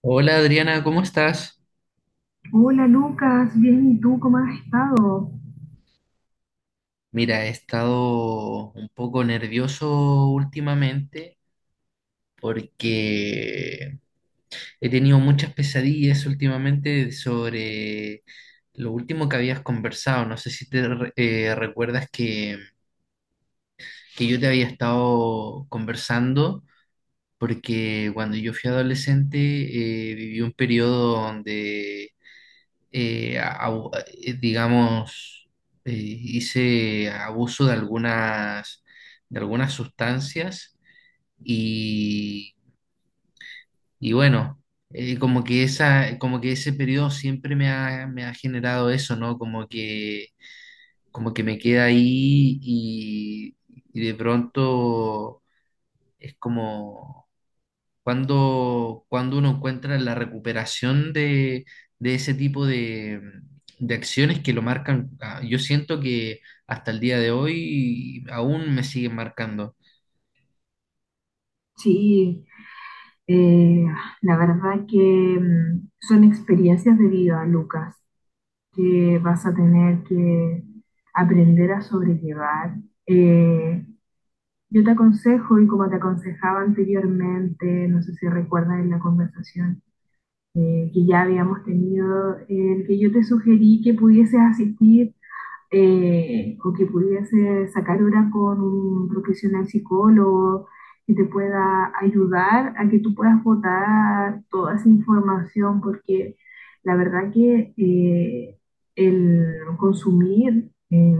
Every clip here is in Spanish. Hola Adriana, ¿cómo estás? Hola Lucas, bien, ¿y tú cómo has estado? Mira, he estado un poco nervioso últimamente porque he tenido muchas pesadillas últimamente sobre lo último que habías conversado. No sé si te recuerdas que yo te había estado conversando porque cuando yo fui adolescente viví un periodo donde eh, a- a- digamos, hice abuso de de algunas sustancias y, y bueno, como que esa, como que ese periodo siempre me ha generado eso, ¿no? Como que me queda ahí, y de pronto es como cuando, cuando uno encuentra la recuperación de ese tipo de acciones que lo marcan, ah, yo siento que hasta el día de hoy aún me siguen marcando. Sí, eh, la verdad que son experiencias de vida, Lucas, que vas a tener que aprender a sobrellevar. Eh, yo te aconsejo, y como te aconsejaba anteriormente, no sé si recuerdas en la conversación que ya habíamos tenido, el que yo te sugerí que pudieses asistir o que pudiese sacar hora con un profesional psicólogo que te pueda ayudar a que tú puedas votar toda esa información, porque la verdad que el consumir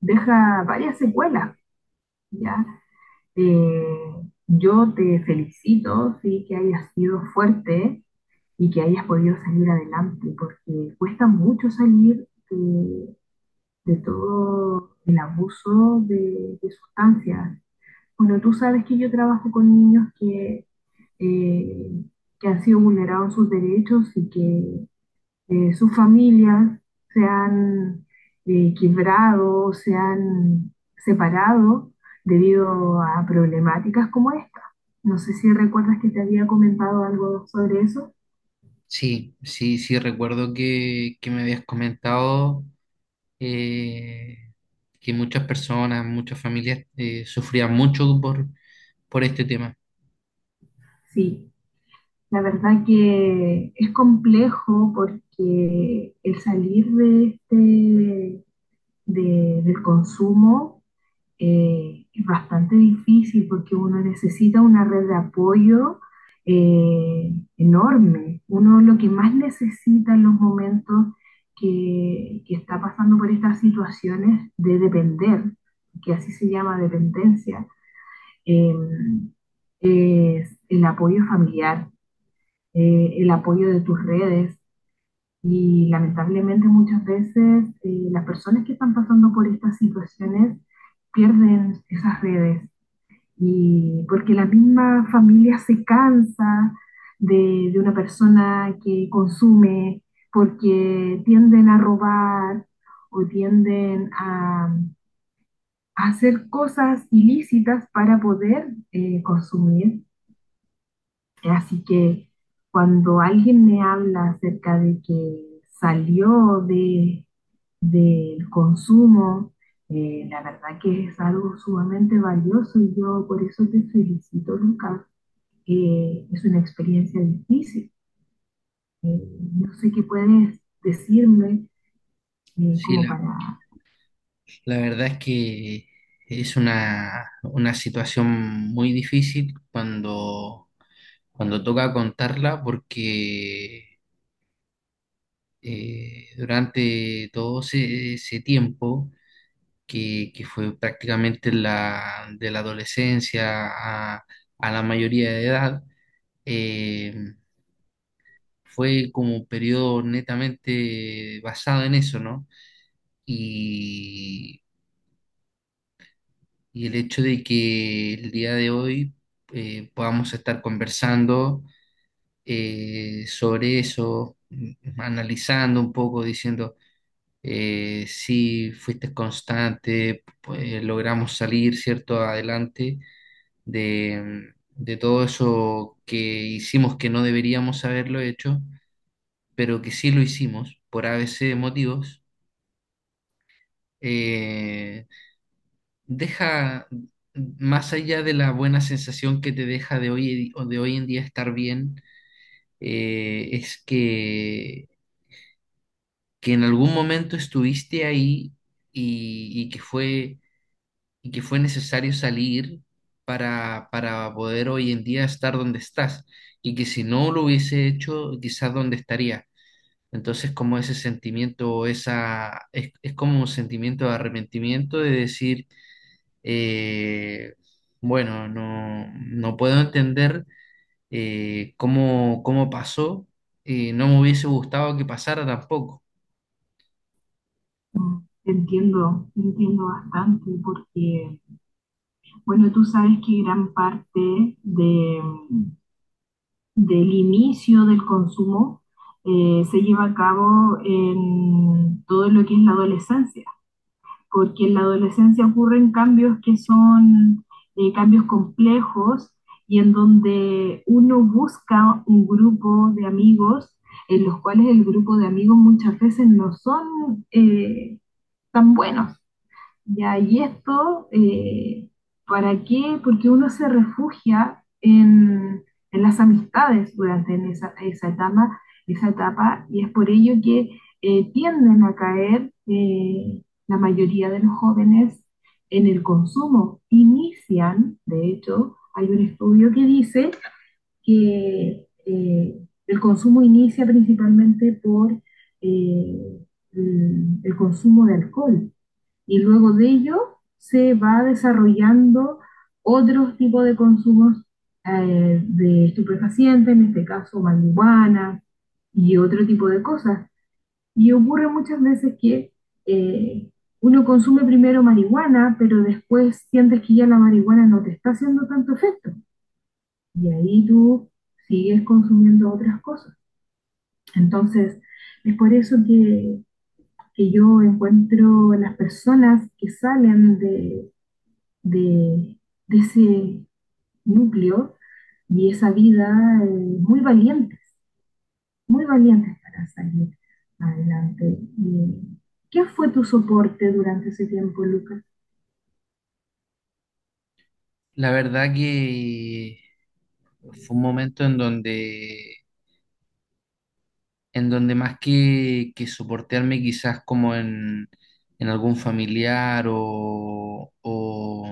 deja varias secuelas, ¿ya? Eh, yo te felicito, sí, que hayas sido fuerte y que hayas podido salir adelante, porque cuesta mucho salir de todo el abuso de sustancias. Bueno, tú sabes que yo trabajo con niños eh, que han sido vulnerados sus derechos y que sus familias se han quebrado, se han separado debido a problemáticas como esta. No sé si recuerdas que te había comentado algo sobre eso. Sí, sí, sí, recuerdo que me habías comentado eh, que muchas personas, muchas familias sufrían mucho por este tema. Sí. La verdad que es complejo porque el salir de este, del consumo es bastante difícil porque uno necesita una red de apoyo eh, enorme. Uno lo que más necesita en los momentos que está pasando por estas situaciones de depender, que así se llama dependencia, eh, es el apoyo familiar, el apoyo de tus redes. Y lamentablemente muchas veces las personas que están pasando por estas situaciones pierden esas redes, y porque la misma familia se cansa de una persona que consume, porque tienden a robar o tienden a hacer cosas ilícitas para poder consumir. Así que cuando alguien me habla acerca de que salió del consumo, la verdad que es algo sumamente valioso, y yo por eso te felicito, Lucas. Es una experiencia difícil. Eh, no sé qué puedes decirme Sí, como la, para. la verdad es que es una situación muy difícil cuando cuando toca contarla porque durante todo ese, ese tiempo, que fue prácticamente la, de la adolescencia a, a la mayoría de edad, eh, fue como un periodo netamente basado en eso, ¿no? Y, y el hecho de que el día de hoy podamos estar conversando sobre eso, analizando un poco, diciendo, sí, fuiste constante, pues, logramos salir, ¿cierto?, adelante de todo eso que hicimos que no deberíamos haberlo hecho, pero que sí lo hicimos por a ABC motivos. Eh, deja, más allá de la buena sensación que te deja de hoy, o de hoy en día estar bien, es que en algún momento estuviste ahí y, y que fue y que fue necesario salir para poder hoy en día estar donde estás y que si no lo hubiese hecho, quizás dónde estaría. Entonces, como ese sentimiento, esa, es como un sentimiento de arrepentimiento de decir, eh, bueno, no, no puedo entender cómo, cómo pasó, no me hubiese gustado que pasara tampoco. Te entiendo bastante porque, bueno, tú sabes que gran parte del inicio del consumo se lleva a cabo en todo lo que es la adolescencia, porque en la adolescencia ocurren cambios que son cambios complejos, y en donde uno busca un grupo de amigos, en los cuales el grupo de amigos muchas veces no son tan buenos. Ya, y esto, ¿para qué? Porque uno se refugia en las amistades durante en esa etapa, y es por ello que tienden a caer la mayoría de los jóvenes en el consumo. Inician, de hecho, hay un estudio que dice que el consumo inicia principalmente por eh, el consumo de alcohol, y luego de ello se va desarrollando otros tipos de consumos, de estupefacientes, en este caso marihuana y otro tipo de cosas. Y ocurre muchas veces que eh, uno consume primero marihuana, pero después sientes que ya la marihuana no te está haciendo tanto efecto. Y ahí tú sigues consumiendo otras cosas. Entonces, es por eso que yo encuentro las personas que salen de, de ese núcleo y esa vida eh, muy valientes, muy valientes para salir adelante. ¿Qué fue tu soporte durante ese tiempo, Lucas? La verdad que fue un momento en donde más que soportearme quizás como en algún familiar o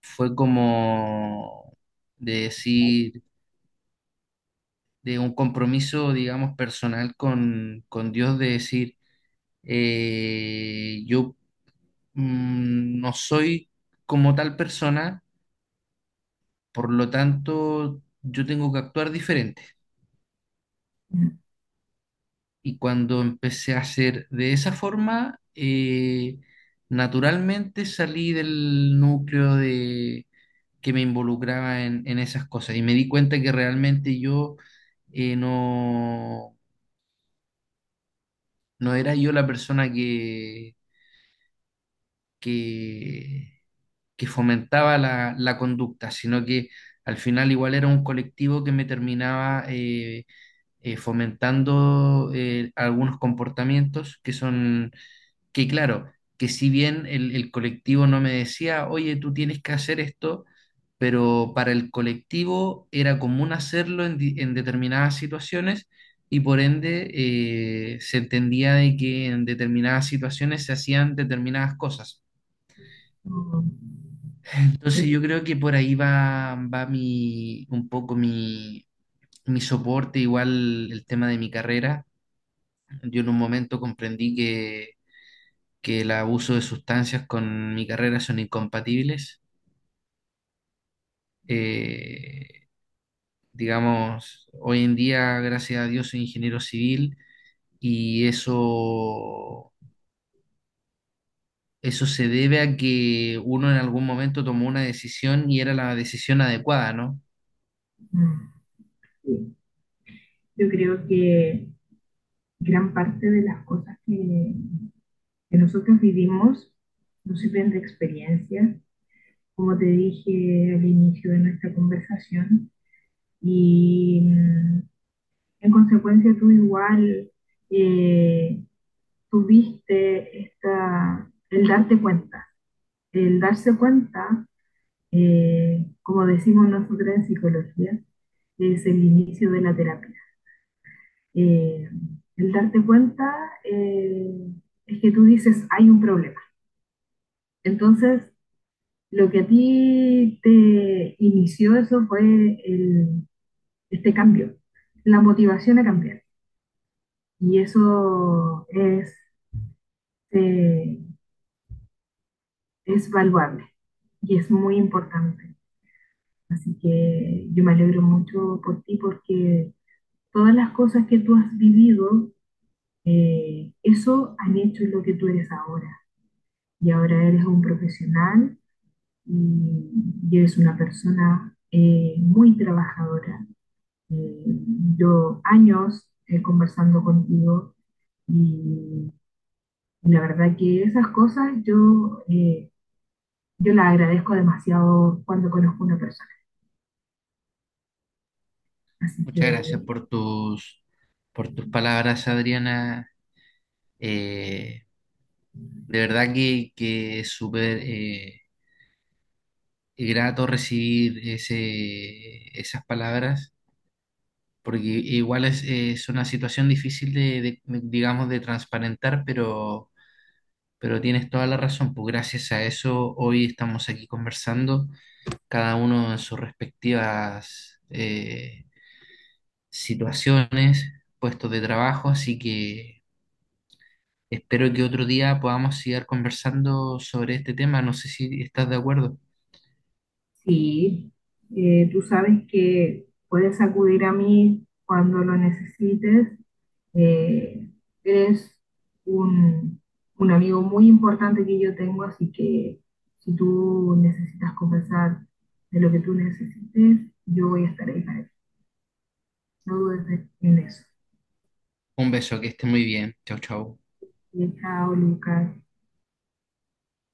fue como de decir, de un compromiso, digamos, personal con Dios, de decir, yo no soy como tal persona, por lo tanto, yo tengo que actuar diferente. Y cuando empecé a hacer de esa forma, naturalmente salí del núcleo de que me involucraba en esas cosas y me di cuenta que realmente yo no, no era yo la persona que, que fomentaba la, la conducta, sino que al final igual era un colectivo que me terminaba fomentando algunos comportamientos que son que claro, que si bien el colectivo no me decía, oye, tú tienes que hacer esto, pero para el colectivo era común hacerlo en, en determinadas situaciones y por ende se entendía de que en determinadas situaciones se hacían determinadas cosas. Entonces yo creo que por ahí va, va mi, un poco mi, mi soporte, igual el tema de mi carrera. Yo en un momento comprendí que el abuso de sustancias con mi carrera son incompatibles. Eh, digamos, hoy en día, gracias a Dios, soy ingeniero civil y eso se debe a que uno en algún momento tomó una decisión y era la decisión adecuada, ¿no? Yo creo que gran parte de las cosas que nosotros vivimos nos sirven de experiencia, como te dije al inicio de nuestra conversación, y en consecuencia, tú igual eh, tuviste esta, el darte cuenta. El darse cuenta, como decimos nosotros en psicología, es el inicio de la terapia. Eh, el darte cuenta es que tú dices, hay un problema. Entonces, lo que a ti te inició eso fue el, este cambio, la motivación a cambiar. Y eso eh, es valuable y es muy importante. Así que yo me alegro mucho por ti, porque todas las cosas que tú has vivido, eso han hecho lo que tú eres ahora. Y ahora eres un profesional, y, y eres una persona muy trabajadora. Eh, yo años conversando contigo, y, y, la verdad que esas cosas yo, yo las agradezco demasiado cuando conozco a una persona. Así Muchas gracias que por tus palabras, Adriana. Eh, de verdad que es súper grato recibir ese, esas palabras, porque igual es una situación difícil de, digamos, de transparentar, pero tienes toda la razón, pues gracias a eso hoy estamos aquí conversando, cada uno en sus respectivas situaciones, puestos de trabajo, así que espero que otro día podamos seguir conversando sobre este tema, no sé si estás de acuerdo. sí, tú sabes que puedes acudir a mí cuando lo necesites. Eh, Eres un, un, amigo muy importante que yo tengo, así que si tú necesitas conversar de lo que tú necesites, yo voy a estar ahí para ti. No dudes en eso. Un beso, que esté muy bien, chau, chau. Y chao, Lucas.